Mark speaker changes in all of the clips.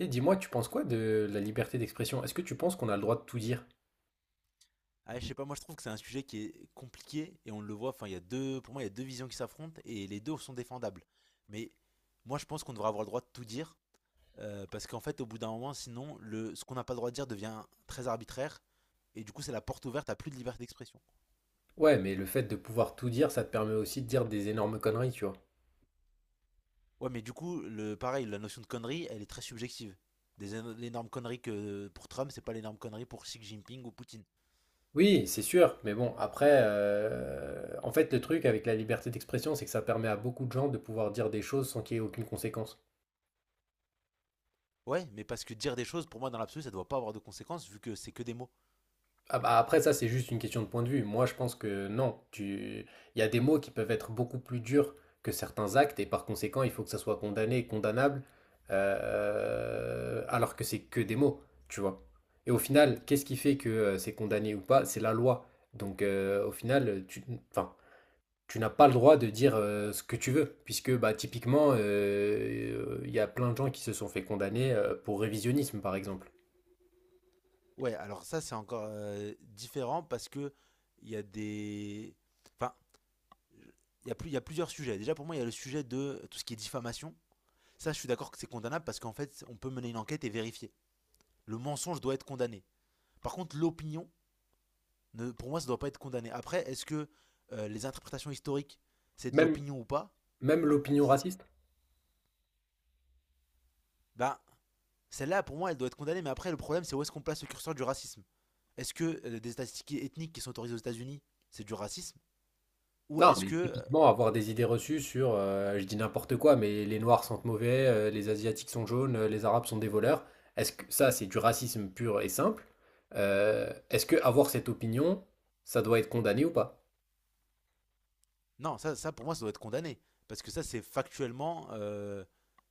Speaker 1: Et dis-moi, tu penses quoi de la liberté d'expression? Est-ce que tu penses qu'on a le droit de tout dire?
Speaker 2: Ah, je sais pas, moi je trouve que c'est un sujet qui est compliqué et on le voit. Enfin, il y a deux, pour moi, il y a deux visions qui s'affrontent et les deux sont défendables. Mais moi, je pense qu'on devrait avoir le droit de tout dire parce qu'en fait, au bout d'un moment, sinon, ce qu'on n'a pas le droit de dire devient très arbitraire, et du coup, c'est la porte ouverte à plus de liberté d'expression.
Speaker 1: Ouais, mais le fait de pouvoir tout dire, ça te permet aussi de dire des énormes conneries, tu vois.
Speaker 2: Ouais, mais du coup, le pareil, la notion de connerie, elle est très subjective. L'énorme connerie que pour Trump, c'est pas l'énorme connerie pour Xi Jinping ou Poutine.
Speaker 1: Oui, c'est sûr, mais bon, après, en fait, le truc avec la liberté d'expression, c'est que ça permet à beaucoup de gens de pouvoir dire des choses sans qu'il y ait aucune conséquence.
Speaker 2: Ouais, mais parce que dire des choses, pour moi, dans l'absolu, ça doit pas avoir de conséquences vu que c'est que des mots.
Speaker 1: Ah bah, après, ça, c'est juste une question de point de vue. Moi, je pense que non. Il y a des mots qui peuvent être beaucoup plus durs que certains actes, et par conséquent, il faut que ça soit condamné et condamnable, alors que c'est que des mots, tu vois. Et au final, qu'est-ce qui fait que c'est condamné ou pas? C'est la loi. Donc, au final, enfin, tu n'as pas le droit de dire ce que tu veux, puisque bah, typiquement, il y a plein de gens qui se sont fait condamner pour révisionnisme, par exemple.
Speaker 2: Ouais, alors ça c'est encore différent, parce que il y a des, enfin, il y a plusieurs sujets. Déjà pour moi il y a le sujet de tout ce qui est diffamation. Ça je suis d'accord que c'est condamnable, parce qu'en fait on peut mener une enquête et vérifier. Le mensonge doit être condamné. Par contre l'opinion, pour moi ça doit pas être condamné. Après est-ce que les interprétations historiques, c'est de
Speaker 1: Même,
Speaker 2: l'opinion ou pas?
Speaker 1: même l'opinion raciste.
Speaker 2: Ben celle-là pour moi elle doit être condamnée. Mais après le problème, c'est où est-ce qu'on place le curseur du racisme? Est-ce que des statistiques ethniques qui sont autorisées aux États-Unis, c'est du racisme, ou
Speaker 1: Non,
Speaker 2: est-ce
Speaker 1: mais
Speaker 2: que
Speaker 1: typiquement, avoir des idées reçues sur, je dis n'importe quoi, mais les noirs sentent mauvais, les asiatiques sont jaunes, les arabes sont des voleurs. Est-ce que ça, c'est du racisme pur et simple? Est-ce que avoir cette opinion, ça doit être condamné ou pas?
Speaker 2: non, ça pour moi, ça doit être condamné. Parce que ça, c'est factuellement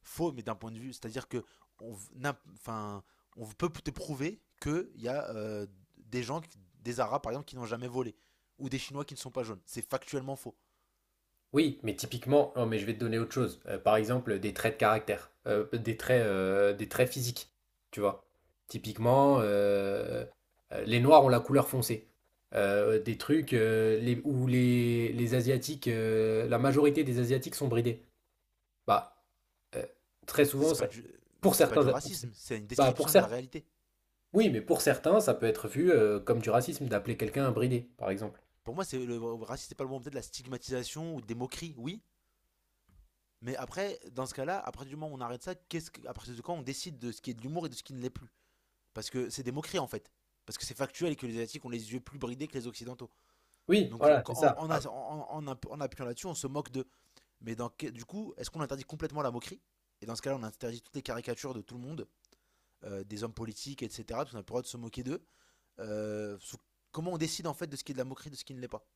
Speaker 2: faux, mais d'un point de vue. C'est-à-dire que on, v- n'a- enfin, on peut te prouver qu'il y a des des Arabes par exemple, qui n'ont jamais volé. Ou des Chinois qui ne sont pas jaunes. C'est factuellement faux.
Speaker 1: Oui, mais typiquement, non, mais je vais te donner autre chose. Par exemple, des traits de caractère, des traits physiques, tu vois. Typiquement, les Noirs ont la couleur foncée. Des trucs les, où les Asiatiques, la majorité des Asiatiques sont bridés. Bah, euh, très
Speaker 2: Ça,
Speaker 1: souvent,
Speaker 2: c'est pas
Speaker 1: ça,
Speaker 2: du,
Speaker 1: pour
Speaker 2: ça, c'est pas du
Speaker 1: certains, pour, cer-
Speaker 2: racisme. C'est une
Speaker 1: bah, pour
Speaker 2: description de la
Speaker 1: certains,
Speaker 2: réalité.
Speaker 1: oui, mais pour certains, ça peut être vu comme du racisme d'appeler quelqu'un un bridé, par exemple.
Speaker 2: Pour moi, c'est le racisme, c'est pas le bon, peut-être la stigmatisation ou des moqueries, oui. Mais après, dans ce cas-là, à partir du moment où on arrête ça, à partir de quand on décide de ce qui est de l'humour et de ce qui ne l'est plus? Parce que c'est des moqueries en fait. Parce que c'est factuel et que les Asiatiques ont les yeux plus bridés que les Occidentaux.
Speaker 1: Oui,
Speaker 2: Donc
Speaker 1: voilà, c'est
Speaker 2: en,
Speaker 1: ça.
Speaker 2: en en- en- en- appuyant là-dessus, on se moque d'eux. Mais dans, du coup, est-ce qu'on interdit complètement la moquerie? Et dans ce cas-là, on interdit toutes les caricatures de tout le monde, des hommes politiques, etc. Parce qu'on a pas le droit de se moquer d'eux. Euh, sous- comment on décide en fait de ce qui est de la moquerie, de ce qui ne l'est pas?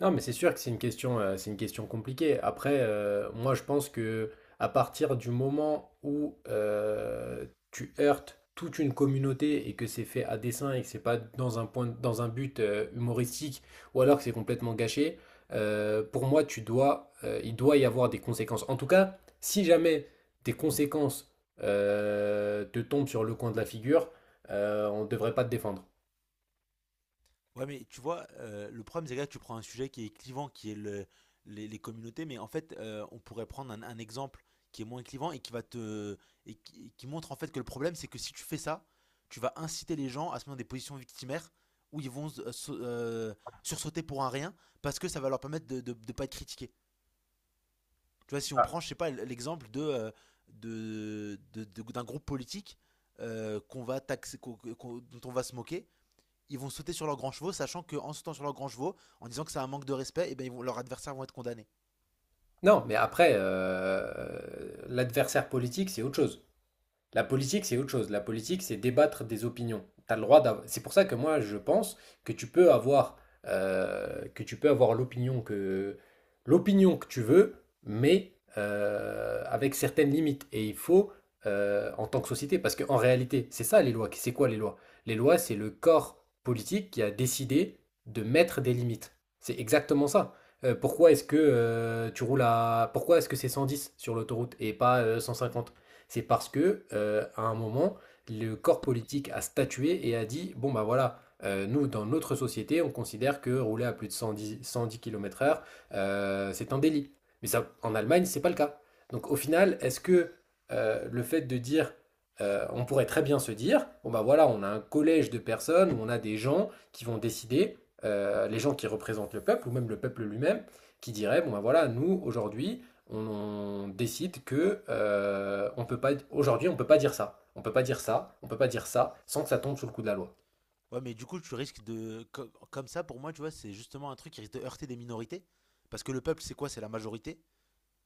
Speaker 1: Non, mais c'est sûr que c'est une question compliquée. Après, moi, je pense que à partir du moment où tu heurtes toute une communauté et que c'est fait à dessein et que c'est pas dans dans un but humoristique ou alors que c'est complètement gâché, pour moi, il doit y avoir des conséquences. En tout cas, si jamais des conséquences te tombent sur le coin de la figure, on ne devrait pas te défendre.
Speaker 2: Ouais, mais tu vois, le problème, c'est que là, tu prends un sujet qui est clivant, qui est les communautés, mais en fait, on pourrait prendre un exemple qui est moins clivant et qui va te et qui montre en fait que le problème, c'est que si tu fais ça, tu vas inciter les gens à se mettre dans des positions victimaires où ils vont sursauter pour un rien parce que ça va leur permettre de ne pas être critiqués. Tu vois, si on prend, je sais pas, l'exemple de, d'un groupe politique qu'on va taxer, dont on va se moquer, ils vont sauter sur leurs grands chevaux, sachant qu'en sautant sur leurs grands chevaux, en disant que c'est un manque de respect, et ben leurs adversaires vont être condamnés.
Speaker 1: Non, mais après, l'adversaire politique, c'est autre chose. La politique, c'est autre chose. La politique, c'est débattre des opinions. T'as le droit d'av- C'est pour ça que moi, je pense que tu peux avoir, que tu peux avoir l'opinion que tu veux, mais avec certaines limites. Et il faut, en tant que société, parce qu'en réalité, c'est ça les lois. C'est quoi les lois? Les lois, c'est le corps politique qui a décidé de mettre des limites. C'est exactement ça. Pourquoi est-ce que c'est 110 sur l'autoroute et pas 150? C'est parce que à un moment, le corps politique a statué et a dit, bon bah voilà, nous, dans notre société, on considère que rouler à plus de 110 km/h, c'est un délit. Mais ça, en Allemagne, c'est pas le cas. Donc au final, est-ce que le fait de dire, on pourrait très bien se dire, bon bah voilà, on a un collège de personnes, où on a des gens qui vont décider, les gens qui représentent le peuple, ou même le peuple lui-même, qui diraient bon bah voilà, nous, aujourd'hui, on, on décide que on peut pas dire ça, on peut pas dire ça, on peut pas dire ça sans que ça tombe sous le coup de la loi.
Speaker 2: Ouais, mais du coup, tu risques de. Co- comme ça, pour moi, tu vois, c'est justement un truc qui risque de heurter des minorités. Parce que le peuple, c'est quoi? C'est la majorité.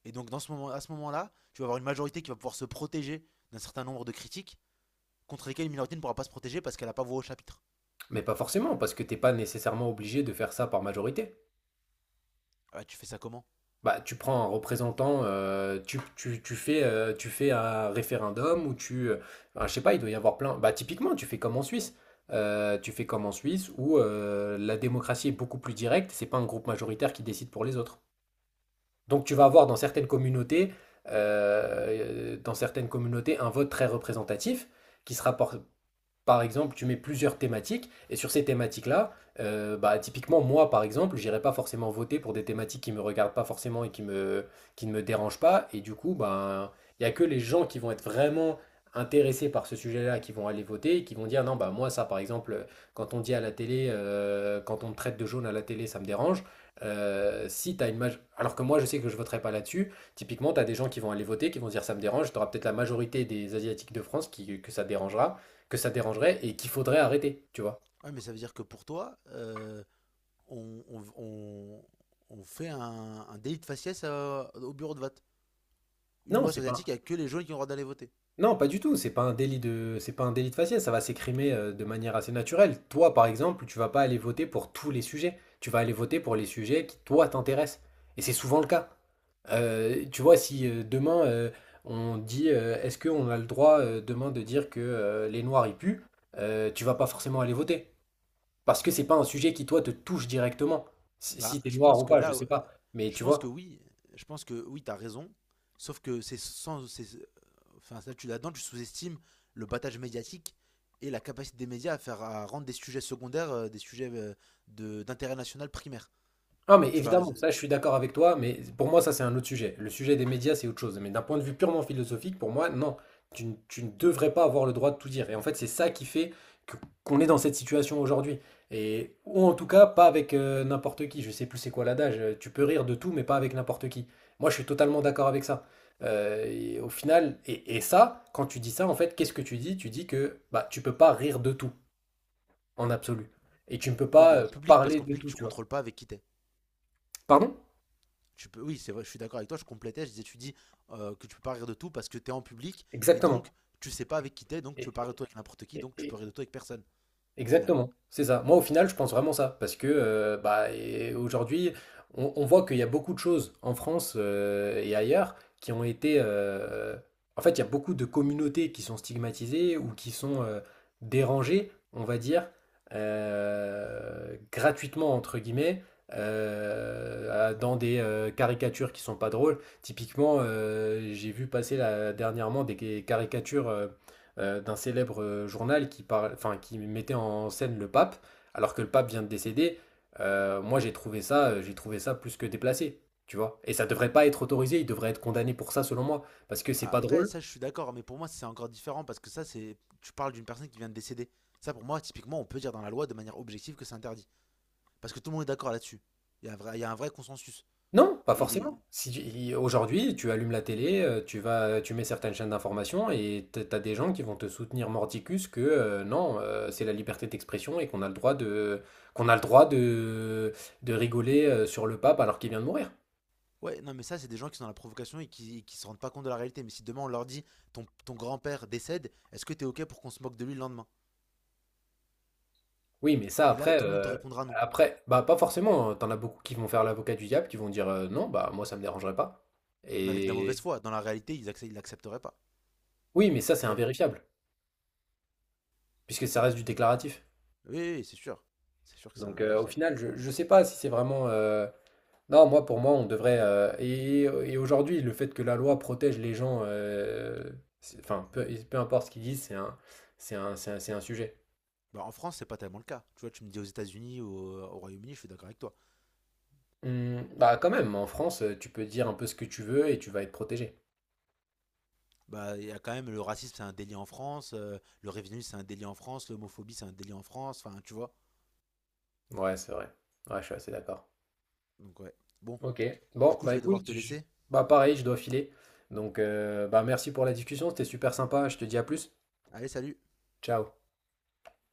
Speaker 2: Et donc, dans ce moment, à ce moment-là, tu vas avoir une majorité qui va pouvoir se protéger d'un certain nombre de critiques, contre lesquelles une minorité ne pourra pas se protéger parce qu'elle n'a pas voix au chapitre.
Speaker 1: Mais pas forcément parce que t'es pas nécessairement obligé de faire ça par majorité.
Speaker 2: Ah, ouais, tu fais ça comment?
Speaker 1: Bah tu prends un représentant, tu fais un référendum ou tu ben, je sais pas, il doit y avoir plein. Bah typiquement tu fais comme en Suisse. Tu fais comme en Suisse où la démocratie est beaucoup plus directe, c'est pas un groupe majoritaire qui décide pour les autres. Donc tu vas avoir dans certaines communautés, un vote très représentatif qui sera por- par exemple, tu mets plusieurs thématiques, et sur ces thématiques-là, bah, typiquement, moi, par exemple, j'irai pas forcément voter pour des thématiques qui me regardent pas forcément qui ne me dérangent pas, et du coup, ben, il y a que les gens qui vont être vraiment intéressés par ce sujet-là qui vont aller voter et qui vont dire, non, bah, moi, ça, par exemple, quand on me traite de jaune à la télé, ça me dérange. Si t'as une maj- Alors que moi, je sais que je voterai pas là-dessus. Typiquement, tu as des gens qui vont aller voter, qui vont dire ça me dérange. Tu auras peut-être la majorité des Asiatiques de France qui, que ça dérangera que ça dérangerait et qu'il faudrait arrêter, tu vois.
Speaker 2: Ouais, mais ça veut dire que pour toi, on, on- on- on fait un délit de faciès au bureau de vote. Une
Speaker 1: Non,
Speaker 2: loi sur
Speaker 1: c'est
Speaker 2: asiatique
Speaker 1: pas,
Speaker 2: avec que les jaunes qui ont le droit d'aller voter.
Speaker 1: non, pas du tout. C'est pas un délit de faciès. Ça va s'écrimer de manière assez naturelle. Toi, par exemple, tu vas pas aller voter pour tous les sujets. Tu vas aller voter pour les sujets qui toi t'intéressent. Et c'est souvent le cas. Tu vois, si demain on dit, est-ce qu'on a le droit demain de dire que les Noirs y puent, tu vas pas forcément aller voter parce que c'est pas un sujet qui toi te touche directement. Si,
Speaker 2: Bah,
Speaker 1: si t'es
Speaker 2: je
Speaker 1: noir
Speaker 2: pense
Speaker 1: ou
Speaker 2: que
Speaker 1: pas, je
Speaker 2: là,
Speaker 1: sais pas. Mais
Speaker 2: je
Speaker 1: tu
Speaker 2: pense que
Speaker 1: vois.
Speaker 2: oui, je pense que oui, t'as raison. Sauf que c'est sans, c'est- enfin, là, tu là-dedans, tu sous-estimes le battage médiatique et la capacité des médias à à rendre des sujets secondaires, des sujets de d'intérêt national primaire.
Speaker 1: Ah, mais
Speaker 2: Tu vas,
Speaker 1: évidemment,
Speaker 2: euh,
Speaker 1: ça, je suis d'accord avec toi, mais pour moi, ça, c'est un autre sujet. Le sujet des médias, c'est autre chose. Mais d'un point de vue purement philosophique, pour moi, non, tu ne devrais pas avoir le droit de tout dire. Et en fait, c'est ça qui fait que- qu'on est dans cette situation aujourd'hui. Et, ou en tout cas, pas avec n'importe qui. Je sais plus c'est quoi l'adage. Tu peux rire de tout, mais pas avec n'importe qui. Moi, je suis totalement d'accord avec ça. Et ça, quand tu dis ça, en fait, qu'est-ce que tu dis? Tu dis que bah, tu peux pas rire de tout, en absolu. Et tu ne peux pas
Speaker 2: oui, en public, parce
Speaker 1: parler
Speaker 2: qu'en
Speaker 1: de
Speaker 2: public,
Speaker 1: tout,
Speaker 2: tu
Speaker 1: tu vois.
Speaker 2: contrôles pas avec qui t'es.
Speaker 1: Pardon?
Speaker 2: Oui, c'est vrai, je suis d'accord avec toi. Je complétais, je disais, tu dis que tu peux pas rire de tout parce que t'es en public, et
Speaker 1: Exactement.
Speaker 2: donc tu sais pas avec qui t'es, donc tu peux
Speaker 1: Et-
Speaker 2: pas rire de toi avec n'importe qui,
Speaker 1: et-
Speaker 2: donc tu peux
Speaker 1: et-
Speaker 2: rire de toi avec personne au final.
Speaker 1: Exactement, c'est ça. Moi, au final, je pense vraiment ça, parce que bah, et aujourd'hui, on voit qu'il y a beaucoup de choses en France et ailleurs en fait, il y a beaucoup de communautés qui sont stigmatisées ou qui sont dérangées, on va dire, gratuitement, entre guillemets, dans des caricatures qui sont pas drôles. Typiquement, j'ai vu passer là, dernièrement des caricatures d'un célèbre journal qui mettait en scène le pape, alors que le pape vient de décéder. Moi, j'ai trouvé ça plus que déplacé, tu vois. Et ça devrait pas être autorisé, il devrait être condamné pour ça, selon moi, parce que c'est pas
Speaker 2: Après,
Speaker 1: drôle.
Speaker 2: ça, je suis d'accord, mais pour moi, c'est encore différent parce que ça, c'est. Tu parles d'une personne qui vient de décéder. Ça, pour moi, typiquement, on peut dire dans la loi de manière objective que c'est interdit. Parce que tout le monde est d'accord là-dessus. Il y a un vrai consensus.
Speaker 1: Non, pas
Speaker 2: Et les...
Speaker 1: forcément. Si tu- il- aujourd'hui, tu allumes la télé, tu mets certaines chaînes d'information et t'as des gens qui vont te soutenir mordicus que non, c'est la liberté d'expression et qu'on a le droit de, qu'on a le droit de rigoler sur le pape alors qu'il vient de mourir.
Speaker 2: Ouais, non, mais ça, c'est des gens qui sont dans la provocation et qui se rendent pas compte de la réalité. Mais si demain on leur dit ton grand-père décède, est-ce que t'es OK pour qu'on se moque de lui le lendemain?
Speaker 1: Oui, mais ça
Speaker 2: Et là,
Speaker 1: après,
Speaker 2: tout le monde te
Speaker 1: heu,
Speaker 2: répondra non.
Speaker 1: après, bah, pas forcément, hein. Tu as beaucoup qui vont faire l'avocat du diable, qui vont dire, «Non, bah, moi ça me dérangerait pas»
Speaker 2: Mais avec de la
Speaker 1: et
Speaker 2: mauvaise foi. Dans la réalité, ils accepteraient l'accepteraient pas.
Speaker 1: oui, mais ça c'est
Speaker 2: Pas-
Speaker 1: invérifiable, puisque ça reste du déclaratif.
Speaker 2: oui, oui, c'est sûr. C'est sûr que c'est
Speaker 1: Donc, heu, au
Speaker 2: invérifiable.
Speaker 1: final, je je sais pas si c'est vraiment, non, moi pour moi on devrait, et aujourd'hui le fait que la loi protège les gens, c'est enfin peu importe ce qu'ils disent, c'est un sujet.
Speaker 2: Bah, en France, c'est pas tellement le cas. Tu vois, tu me dis aux États-Unis, au Royaume-Uni, je suis d'accord avec toi.
Speaker 1: Mmh, bah, quand même, en France, tu peux dire un peu ce que tu veux et tu vas être protégé.
Speaker 2: Bah, il y a quand même le racisme, c'est un délit en France, le révisionnisme, c'est un délit en France, l'homophobie, c'est un délit en France, enfin, tu vois.
Speaker 1: Ouais, c'est vrai. Ouais, je suis assez d'accord.
Speaker 2: Donc, ouais. Bon,
Speaker 1: Ok.
Speaker 2: du
Speaker 1: Bon,
Speaker 2: coup, je
Speaker 1: bah
Speaker 2: vais devoir
Speaker 1: écoute,
Speaker 2: te laisser.
Speaker 1: bah pareil, je dois filer. Donc, bah merci pour la discussion, c'était super sympa. Je te dis à plus.
Speaker 2: Allez, salut!
Speaker 1: Ciao.